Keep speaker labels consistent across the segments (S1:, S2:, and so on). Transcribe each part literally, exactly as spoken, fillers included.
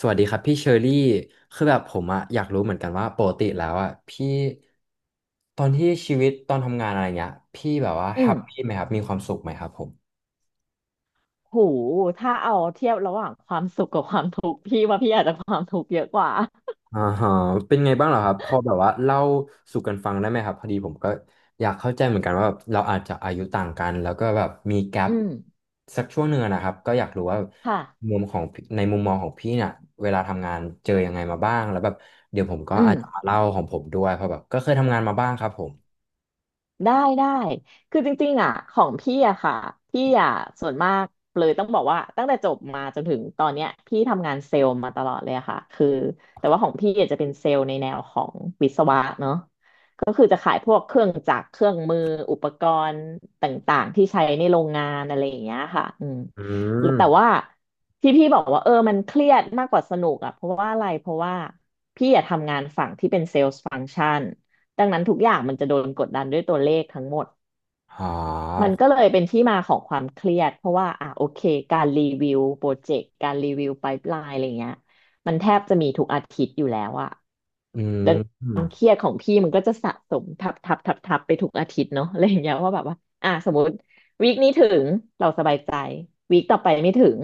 S1: สวัสดีครับพี่เชอรี่คือแบบผมอะอยากรู้เหมือนกันว่าปกติแล้วอะพี่ตอนที่ชีวิตตอนทำงานอะไรเงี้ยพี่แบบว่า
S2: อื
S1: แฮ
S2: ม
S1: ปปี้ไหมครับมีความสุขไหมครับผม
S2: โหถ้าเอาเทียบระหว่างความสุขกับความทุกข์พี่ว่าพี่อาจจะความทุกข์เยอะกว่า
S1: อ่าฮะเป็นไงบ้างเหรอครับพอแบบว่าเล่าสู่กันฟังได้ไหมครับพอดีผมก็อยากเข้าใจเหมือนกันว่าแบบเราอาจจะอายุต่างกันแล้วก็แบบมีแก
S2: อื
S1: ป
S2: ม
S1: สักช่วงหนึ่งอะนะครับก็อยากรู้ว่า
S2: ค่ะ
S1: มุมของพี่ในมุมมองของพี่เนี่ยเวลาทำงานเจอยังไงมาบ้างแล้วแบบเดี๋ยวผมก็
S2: อื
S1: อา
S2: ม
S1: จจะมาเล่าของผมด้วยเพราะแบบก็เคยทำงานมาบ้างครับผม
S2: ได้ได้คือจริงๆอ่ะของพี่อะค่ะพี่อะส่วนมากเลยต้องบอกว่าตั้งแต่จบมาจนถึงตอนเนี้ยพี่ทำงานเซลล์มาตลอดเลยอะค่ะคือแต่ว่าของพี่อาจจะเป็นเซลล์ในแนวของวิศวะเนอะ ก็คือจะขายพวกเครื่องจักรเครื่องมือ อุปกรณ์ต่างๆที่ใช้ในโรงงานอะไรอย่างเงี้ยค่ะอืม
S1: อื
S2: แล้ว
S1: ม
S2: แต่ว่าที่พี่บอกว่าเออมันเครียดมากกว่าสนุกอ่ะเพราะว่าอะไร เพราะว่าพี่อยากทำงานฝั่งที่เป็นเซลส์ฟัง c t ชันดังนั้นทุกอย่างมันจะโดนกดดันด้วยตัวเลขทั้งหมด
S1: อ๋
S2: มัน
S1: อ
S2: ก็เลยเป็นที่มาของความเครียดเพราะว่าอ่ะโอเคการรีวิวโปรเจกต์การรีวิวไพป์ไลน์อะไรเงี้ยมันแทบจะมีทุกอาทิตย์อยู่แล้วอะ
S1: อืม
S2: ดัง เค
S1: อ
S2: รียดของพี่มันก็จะสะสมทับทับทับทับไปทุกอาทิตย์เนาะอะไรอย่างเงี้ยว่าแบบว่าอ่ะสมมติวีคนี้ถึงเราสบายใจวีคต่อไปไม่ถึง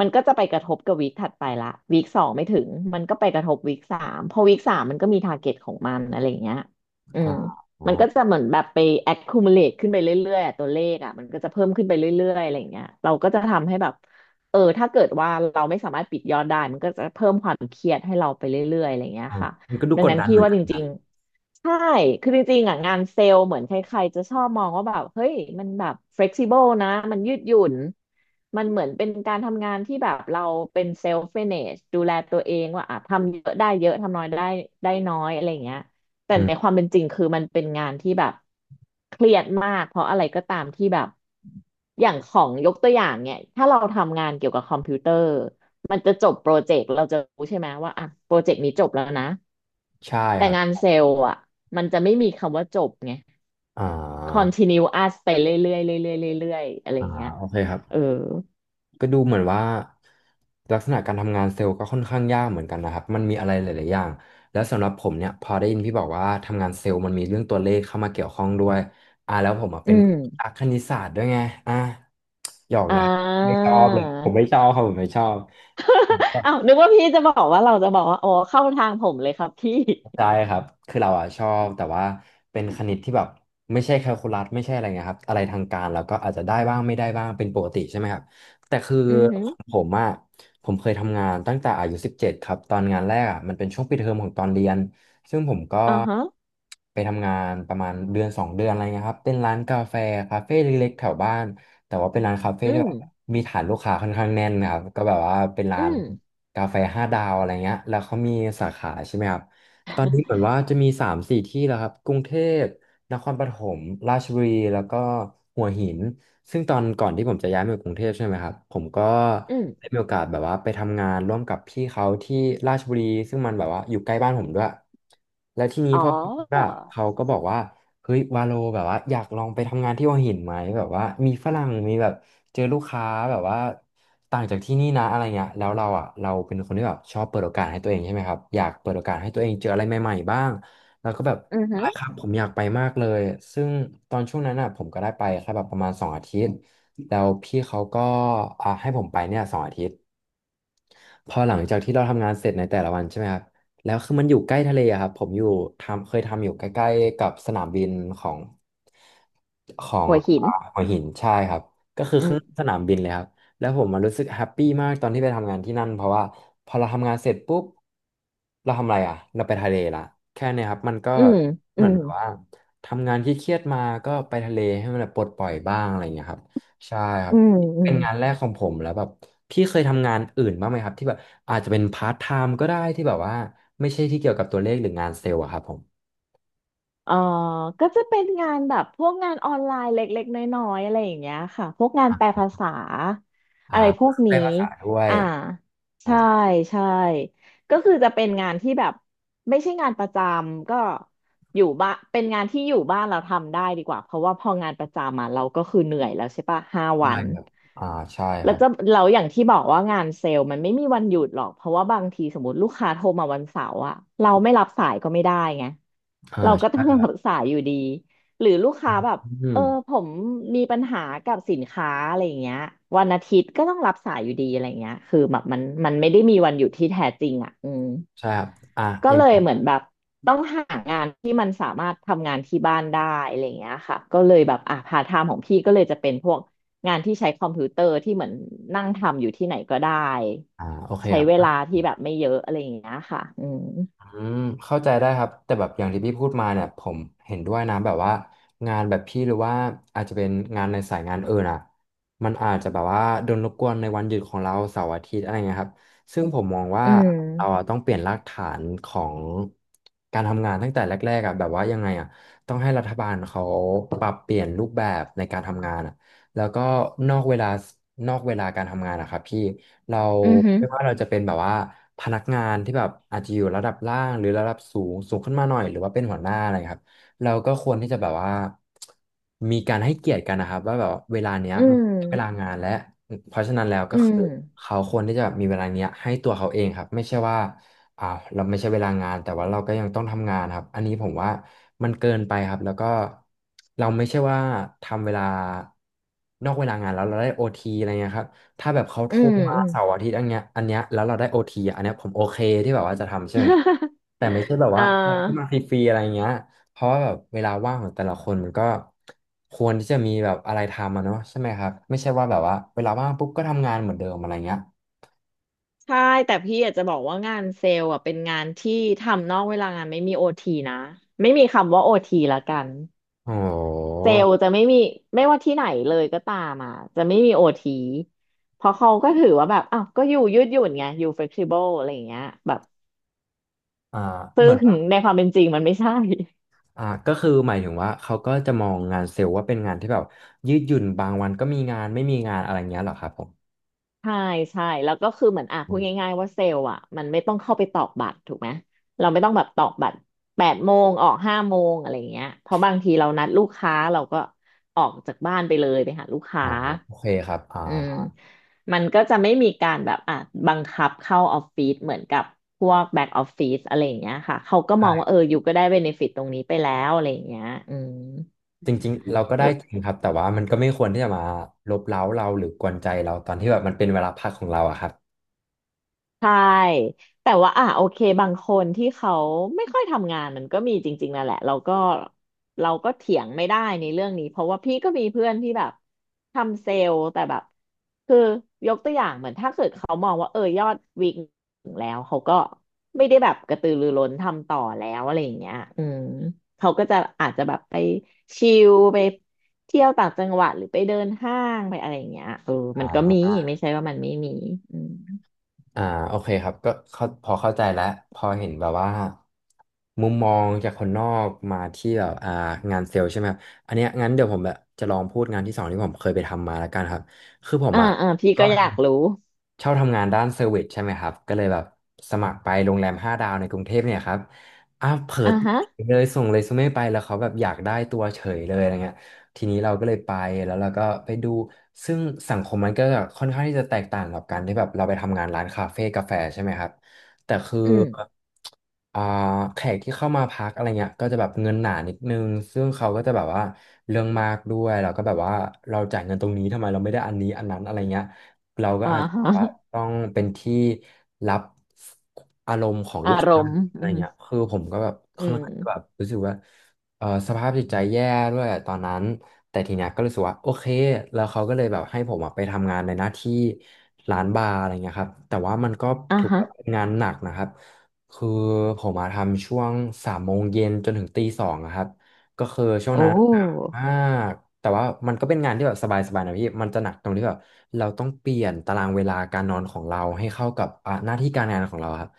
S2: มันก็จะไปกระทบกับวีคถัดไปละวีคสองไม่ถึงมันก็ไปกระทบวีคสามพอวีคสามมันก็มีทาร์เก็ตของมันอะไรอย่างเงี้ยอื
S1: ๋อ
S2: ม
S1: อ๋อ
S2: มันก็จะเหมือนแบบไป accumulate ขึ้นไปเรื่อยๆอะตัวเลขอ่ะมันก็จะเพิ่มขึ้นไปเรื่อยๆอะไรอย่างเงี้ยเราก็จะทำให้แบบเออถ้าเกิดว่าเราไม่สามารถปิดยอดได้มันก็จะเพิ่มความเครียดให้เราไปเรื่อยๆอะไรอย่างเงี้ย
S1: อ๋อ
S2: ค่ะ
S1: มันก็ดู
S2: ดัง
S1: กด
S2: นั้น
S1: ดัน
S2: พี่
S1: เหมือน
S2: ว่า
S1: กั
S2: จ
S1: นครั
S2: ริ
S1: บ
S2: งๆใช่คือจริงๆอ่ะงานเซลล์เหมือนใครๆจะชอบมองว่าแบบเฮ้ยมันแบบ flexible นะมันยืดหยุ่นมันเหมือนเป็นการทำงานที่แบบเราเป็น self manage ดูแลตัวเองว่าอ่ะทำเยอะได้เยอะทำน้อยได้ได้น้อยอะไรอย่างเงี้ยแต่
S1: อื
S2: ใน
S1: ม
S2: ความเป็นจริงคือมันเป็นงานที่แบบเครียดมากเพราะอะไรก็ตามที่แบบอย่างของยกตัวอย่างเนี่ยถ้าเราทำงานเกี่ยวกับคอมพิวเตอร์มันจะจบโปรเจกต์เราจะรู้ใช่ไหมว่าอ่ะโปรเจกต์นี้จบแล้วนะ
S1: ใช่
S2: แต่
S1: ครับ
S2: งานเซลล์อ่ะมันจะไม่มีคำว่าจบไง
S1: อ่า
S2: continue us ไปเรื่อยๆเรื่อยๆเรื่อยๆอะไรอ
S1: อ่า
S2: ย่างเงี้ย
S1: โอเคครับ
S2: เออ
S1: ก็ดูเหมือนว่าลักษณะการทำงานเซลล์ก็ค่อนข้างยากเหมือนกันนะครับมันมีอะไรหลายๆอย่างแล้วสำหรับผมเนี่ยพอได้ยินพี่บอกว่าทำงานเซลล์มันมีเรื่องตัวเลขเข้ามาเกี่ยวข้องด้วยอ่าแล้วผมอ่ะ
S2: อื
S1: เป็น
S2: ม
S1: นักคณิตศาสตร์ด้วยไงอ่าหยอก
S2: อ่
S1: นะครับไม่ชอบเลยผม
S2: า
S1: ไม่ชอ บครับผมไม่ชอบ
S2: อ้าวนึกว่าพี่จะบอกว่าเราจะบอกว่าอ๋อเข้าทางผมเลยครับพี่
S1: ได้ครับ คือเราอ่ะชอบแต่ว่าเป็นคณิตที่แบบไม่ใช่แคลคูลัสไม่ใช่อะไรเงี้ยครับอะไรทางการแล้วก็อาจจะได้บ้างไม่ได้บ้างเป็นปกติใช่ไหมครับแต่คือ
S2: อือหือ
S1: ของผมอ่ะผมเคยทำงานตั้งแต่อายุสิบเจ็ดครับตอนงานแรกอ่ะมันเป็นช่วงปิดเทอมของตอนเรียนซึ่งผมก็
S2: อ่าฮะ
S1: ไปทำงานประมาณเดือนสองเดือนอะไรเงี้ยครับเป็นร้านกาแฟคาเฟ่เล็กๆแถวบ้านแต่ว่าเป็นร้านคาเฟ่
S2: อื
S1: ที่
S2: ม
S1: แบบมีฐานลูกค้าค่อนข้างแน่นนะครับก็แบบว่าเป็น
S2: อื
S1: ร้าน
S2: ม
S1: กาแฟห้าดาวอะไรเงี้ยแล้วเขามีสาขาใช่ไหมครับ ตอนนี้เหมือนว่าจะมีสามสี่ที่แล้วครับกรุงเทพ นครปฐมราชบุรีแล้วก็หัวหินซึ่งตอนก่อนที่ผมจะย้ายมาอยู่กรุงเทพใช่ไหมครับผมก็
S2: อืม
S1: ได้มีโอกาสแบบว่าไปทำงานร่วมกับพี่เขาที่ราชบุรีซึ่งมันแบบว่าอยู่ใกล้บ้านผมด้วยและทีนี้
S2: อ๋
S1: พ
S2: อ
S1: อว่าเขาก็บอกว่าเฮ้ยวาโลแบบว่าอยากลองไปทำงานที่หัวหินไหมแบบว่ามีฝรั่งมีแบบเจอลูกค้าแบบว่าต่างจากที่นี่นะอะไรเงี้ยแล้วเราอ่ะเราเป็นคนที่แบบชอบเปิดโอกาสให้ตัวเองใช่ไหมครับอยากเปิดโอกาสให้ตัวเองเจออะไรใหม่ๆบ้าง แล้วก็แบบ
S2: อือหื
S1: ได้
S2: อ
S1: ครับผมอยากไปมากเลยซึ่งตอนช่วงนั้นอ่ะผมก็ได้ไปแค่แบบประมาณสองอาทิตย์แล้วพี่เขาก็อ่าให้ผมไปเนี่ยสองอาทิตย์ พอหลังจากที่เราทำงานเสร็จในแต่ละวันใช่ไหมครับแล้วคือมันอยู่ใกล้ทะเลอะครับผมอยู่ทำเคยทำอยู่ใกล้ๆกับสนามบินของของ
S2: หัวหิน
S1: อ่าหัวหินใช่ครับก็คือ
S2: อื
S1: ข้าง
S2: ม
S1: สนามบินเลยครับแล้วผมมันรู้สึกแฮปปี้มากตอนที่ไปทำงานที่นั่นเพราะว่าพอเราทำงานเสร็จปุ๊บเราทำอะไรอ่ะเราไปทะเลละแค่เนี้ครับมันก็
S2: อืมอื
S1: เหมือน
S2: ม
S1: แบบว่าทำงานที่เครียดมาก็ไปทะเลให้มันแบบปลดปล่อยบ้างอะไรอย่างเงี้ยครับใช่ครั
S2: อื
S1: บ
S2: มอื
S1: เป็
S2: ม
S1: นงานแรกของผมแล้วแบบพี่เคยทำงานอื่นบ้างไหมครับที่แบบอาจจะเป็นพาร์ทไทม์ก็ได้ที่แบบว่าไม่ใช่ที่เกี่ยวกับตัวเลขหรืองานเซลล์อะครับผม
S2: เออก็จะเป็นงานแบบพวกงานออนไลน์เล็กๆน้อยๆอะไรอย่างเงี้ยค่ะ พวกงาน
S1: อ่
S2: แปล
S1: ะ
S2: ภาษา
S1: อ่า
S2: อะไรพวก
S1: ได้
S2: นี้
S1: ภาษาด้วย
S2: อ่า
S1: อ่า
S2: ใช่ใช่ ก็คือจะเป็นงานที่แบบไม่ใช่งานประจำก็อยู่บ้านเป็นงานที่อยู่บ้านเราทำได้ดีกว่าเพราะว่าพองานประจำมาเราก็คือเหนื่อยแล้วใช่ปะห้าวั
S1: ใช่
S2: น
S1: อ่าใช่ค
S2: แล้ว
S1: รับ
S2: จะเราอย่างที่บอกว่างานเซลล์มันไม่มีวันหยุดหรอกเพราะว่าบางทีสมมติลูกค้าโทรมาวันเสาร์อะเราไม่รับสายก็ไม่ได้ไง
S1: อ่
S2: เราก็ต้
S1: า
S2: องรับสายอยู่ดีหรือลูกค้าแบบ
S1: อื
S2: เออผ
S1: ม
S2: มมีปัญหากับสินค้าอะไรอย่างเงี้ยวันอาทิตย์ก็ต้องรับสายอยู่ดีอะไรอย่างเงี้ยคือแบบมันมันไม่ได้มีวันหยุดที่แท้จริงอ่ะอืม
S1: ใช่ครับอ่ะ
S2: ก็
S1: ยั
S2: เล
S1: ง
S2: ยเห
S1: ไง
S2: มือนแบบต้องหางานที่มันสามารถทำงานที่บ้านได้อะไรอย่างเงี้ยค่ะก็เลยแบบอ่ะพาร์ทไทม์ของพี่ก็เลยจะเป็นพวกงานที่ใช้คอมพิวเตอร์ที่เหมือนนั่งทำอยู่ที่ไหนก็ได้
S1: อ่าโอเค
S2: ใช้
S1: ครั
S2: เวลา
S1: บ
S2: ที่แบบไม่เยอะอะไรอย่างเงี้ยค่ะอืม
S1: อืมเข้าใจได้ครับแต่แบบอย่างที่พี่พูดมาเนี่ยผมเห็นด้วยนะแบบว่างานแบบพี่หรือว่าอาจจะเป็นงานในสายงานอื่นอ่ะมันอาจจะแบบว่าโดนรบกวนในวันหยุดของเราเสาร์อาทิตย์อะไรเงี้ยครับซึ่งผมมองว่า
S2: อืม
S1: เราอะต้องเปลี่ยนรากฐานของการทำงานตั้งแต่แรกๆอ่ะแบบว่ายังไงอ่ะต้องให้รัฐบาลเขาปรับเปลี่ยนรูปแบบในการทำงานอ่ะแล้วก็นอกเวลานอกเวลาการทำงานนะครับพี่ เรา
S2: อือหือ
S1: ไม่ว่าเราจะเป็นแบบว่าพนักงานที่แบบอาจจะอยู่ระดับล่างหรือระดับสูงสูงขึ้นมาหน่อยหรือว่าเป็นหัวหน้าอะไรครับเราก็ควรที่จะแบบว่ามีการให้เกียรติกันนะครับว่าแบบเวลาเนี้ย
S2: อื
S1: มัน
S2: ม
S1: เวลางานและเพราะฉะนั้นแล้ว
S2: อื
S1: ก็
S2: ม
S1: คือเขาควรที่จะมีเวลาเนี้ยให้ตัวเขาเองครับไม่ใช่ว่าอ่าวเราไม่ใช่เวลางานแต่ว่าเราก็ยังต้องทำงานครับอันนี้ผมว่ามันเกินไปครับแล้วก็เราไม่ใช่ว่าทำเวลานอกเวลางานแล้วเราได้โอทีอะไรเงี้ยครับ ถ้าแบบเขาโท
S2: อื
S1: ร
S2: ม
S1: มา
S2: อืม
S1: เสาร์อาทิตย์อันเนี้ยอันเนี้ยแล้วเราได้โอทีอันเนี้ยผมโอเคที่แบบว่าจะทำใช่ไหมพี่ แต่ไม่ใช่แบบ
S2: อ่
S1: ว่าให้
S2: า
S1: มาฟรีๆอะไรเงี้ยเพราะว่าแบบเวลาว่างของแต่ละคนมันก็ควรที่จะมีแบบอะไรทำอะเนาะใช่ไหมครับไม่ใช่ว่าแบบว่าเวลาว่างปุ๊บก็ทำงานเหมือนเดิมอะไรเงี้ย
S2: ใช่แต่พี่อยากจะบอกว่างานเซลล์อ่ะเป็นงานที่ทำนอกเวลางานไม่มีโอทีนะไม่มีคำว่าโอทีละกัน
S1: โอ้โ
S2: เซ
S1: ห
S2: ลล์จะไม่มีไม่ว่าที่ไหนเลยก็ตามอ่ะจะไม่มีโอทีเพราะเขาก็ถือว่าแบบอ้าวก็อยู่ยืดหยุ่นไงอยู่เฟ e ซิเบิลอะไรอย่างเงี้ยแบบ
S1: อ่าเห
S2: ซึ่
S1: มื
S2: ง
S1: อนว่า
S2: ในความเป็นจริงมันไม่ใช่
S1: อ่าก็คือหมายถึงว่าเขาก็จะมองงานเซลล์ว่าเป็นงานที่แบบยืดหยุ่นบางวันก็มีงานไม่มีงานอะไรเงี้ยเหรอครับผม
S2: ใช่ใช่แล้วก็คือเหมือนอ่ะพู
S1: อ
S2: ด
S1: ม
S2: ง่ายๆว่าเซลล์อ่ะมันไม่ต้องเข้าไปตอกบัตรถูกไหมเราไม่ต้องแบบตอกบัตรแปดโมงออกห้าโมงอะไรอย่างเงี้ยเพราะบางทีเรานัดลูกค้าเราก็ออกจากบ้านไปเลยไปหาลูกค้า
S1: อ่าโอเคครับอ่
S2: อืม
S1: า
S2: มันก็จะไม่มีการแบบอ่ะบังคับเข้าออฟฟิศเหมือนกับพวกแบ็กออฟฟิศอะไรอย่างเงี้ยค่ะเขาก็มองว่าเอออยู่ก็ได้เบเนฟิตตรงนี้ไปแล้วอะไรอย่างเงี้ยอืม
S1: จริงๆ เราก็ได้จริงครับแต่ว่ามันก็ไม่ควรที่จะมาลบเร้าเราหรือกวนใจเราตอนที่แบบมันเป็นเวลาพักของเราอะครับ
S2: ใช่แต่ว่าอ่ะโอเคบางคนที่เขาไม่ค่อยทำงานมันก็มีจริงๆนั่นแหละเราก็เราก็เถียงไม่ได้ในเรื่องนี้เพราะว่าพี่ก็มีเพื่อนที่แบบทำเซลล์แต่แบบคือยกตัวอย่างเหมือนถ้าเกิดเขามองว่าเออยอดวิกถึงแล้วเขาก็ไม่ได้แบบกระตือรือร้นทำต่อแล้วอะไรอย่างเงี้ยอืมเขาก็จะอาจจะแบบไปชิลไปเที่ยวต่างจังหวัดหรือไปเดินห้างไปอะไรอย่างเงี้ยเออมั
S1: อ่
S2: นก็มี
S1: า
S2: ไม่ใช่ว่ามันไม่มีอืม
S1: อ่าโอเคครับก็เข้าพอเข้าใจแล้วพอเห็นแบบว่ามุมมองจากคนนอกมาที่แบบอ่างานเซลล์ใช่ไหมครับอันเนี้ยงั้นเดี๋ยวผมแบบจะลองพูดงานที่สองที่ผมเคยไปทำมาแล้วกันครับ คือผม
S2: อ่า
S1: อะ
S2: อ่าพี่ก็อยากรู้
S1: ชอบทำงานด้านเซอร์วิสใช่ไหมครับก็เลยแบบสมัครไปโรงแรมห้าดาวในกรุงเทพเนี่ยครับอ่ะเผิ
S2: อ่า
S1: ด
S2: ฮะ
S1: เลยส่งเรซูเม่ไปแล้วเขาแบบอยากได้ตัวเฉยเลยอะไรเงี้ยทีนี้เราก็เลยไปแล้วเราก็ไปดูซึ่งสังคมมันก็ค่อนข้างที่จะแตกต่างกับการที่แบบเราไปทำงานร้านคาเฟ่กาแฟใช่ไหมครับแต่คือ
S2: อืม
S1: อ่าแขกที่เข้ามาพักอะไรเงี้ยก็จะแบบเงินหนานิดนึงซึ่งเขาก็จะแบบว่าเรื่องมากด้วยเราก็แบบว่าเราจ่ายเงินตรงนี้ทำไมเราไม่ได้อันนี้อันนั้นอะไรเงี้ย เราก็
S2: อ่า
S1: อาจจะ
S2: ฮะ
S1: ว่าต้องเป็นที่รับอารมณ์ของลูก
S2: อาร
S1: ค้า
S2: มณ์
S1: อะไร
S2: อืม
S1: เงี้ยคือผมก็แบบ
S2: อื
S1: ค่อน
S2: ม
S1: ข้างแบบรู้สึกว่าเออสภาพจิตใจแย่ด้วยตอนนั้น แต่ทีเนี้ยก็รู้สึกว่าโอเค แล้วเขาก็เลยแบบให้ผมอะไปทำงานในหน้าที่ร้านบาร์อะไรเงี้ยครับ แต่ว่ามันก็
S2: อ่า
S1: ถือ
S2: ฮะ
S1: ว่าเป็นงานหนักนะครับ คือผมมาทำช่วงสามโมงเย็นจนถึงตีสองอะครับ ก็คือช่วง
S2: โอ้
S1: นั้น อ่าแต่ว่ามันก็เป็นงานที่แบบสบายๆนะพี่มันจะหนักตรงที่แบบเราต้องเปลี่ยนตารางเวลาการนอนของเราให้เข้ากับอ่าหน้าที่การงานของเราครับ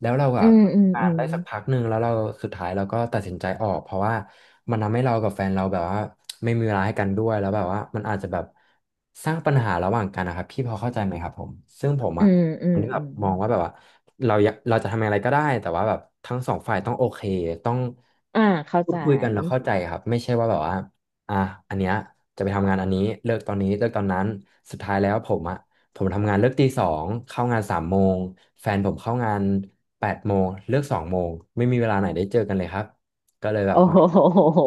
S1: แล้วเรา
S2: อื
S1: อะ
S2: มอืม
S1: กา
S2: อื
S1: ร
S2: ม
S1: ได้สักพักหนึ่งแล้วเราสุดท้ายเราก็ตัดสินใจออกเพราะว่ามันทำให้เรากับแฟนเราแบบว่าไม่มีเวลาให้กันด้วยแล้วแบบว่ามันอาจจะแบบสร้างปัญหาระหว่างกันนะครับพี่พอเข้าใจไหมครับผมซึ่งผม
S2: อื
S1: อะ
S2: มอื
S1: คน
S2: ม
S1: ที่แบ
S2: อื
S1: บ
S2: ม
S1: มองว่าแบบว่าเราอยากเราจะทำอะไรก็ได้แต่ว่าแบบทั้งสองฝ่ายต้องโอเคต้อง
S2: อ่าเข้า
S1: พู
S2: ใจ
S1: ดคุยกันแล้วเข้าใจครับไม่ใช่ว่าแบบว่า อ่ะอันเนี้ยจะไปทำงานอันนี้เลิกตอนนี้เลิกตอนนั้นสุดท้ายแล้วผมอ่ะผมทำงานเลิกตีสองเข้างานสามโมงแฟนผมเข้างานแปดโมงเลิกสองโมงไม่มีเวลาไหนได้เจอกันเลยครับก็เลยแบ
S2: โอ้
S1: บมา
S2: โห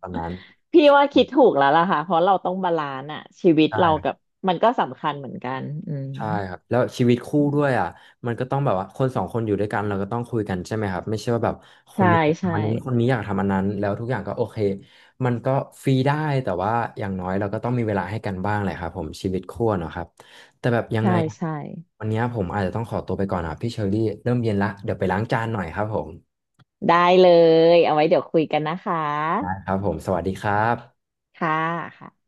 S1: ตอนนั้น
S2: พี่ว่าคิดถูกแล้วล่ะค่ะเพราะเราต้องบาลานซ์อะชีวิตเรากับ
S1: ใช่
S2: มันก็สำคัญเหมือนกันอืม
S1: ใช่ครับแล้วชีวิตคู่
S2: อื
S1: ด้วย
S2: ม
S1: อ่ะมันก็ต้องแบบว่าคนสองคนอยู่ด้วยกันเราก็ต้องคุยกันใช่ไหมครับไม่ใช่ว่าแบบคน
S2: ใช่
S1: นี้อยาก
S2: ใช่
S1: ทำอันนี้คนนี้อยากทำอันนั้นแล้วทุกอย่างก็โอเคมันก็ฟรีได้แต่ว่าอย่างน้อยเราก็ต้องมีเวลาให้กันบ้างแหละครับผมชีวิตคู่เนาะครับแต่แบบยังไง
S2: ใช่ใช่
S1: วันนี้ผมอาจจะต้องขอตัวไปก่อนนะครับพี่เชอรี่เริ่มเย็นละเดี๋ยวไปล้างจานหน่อยครับผม
S2: ได้เลยเอาไว้เดี๋ยวคุยกันนะคะ
S1: นะครับผมสวัสดีครับ
S2: ค่ะค่ะ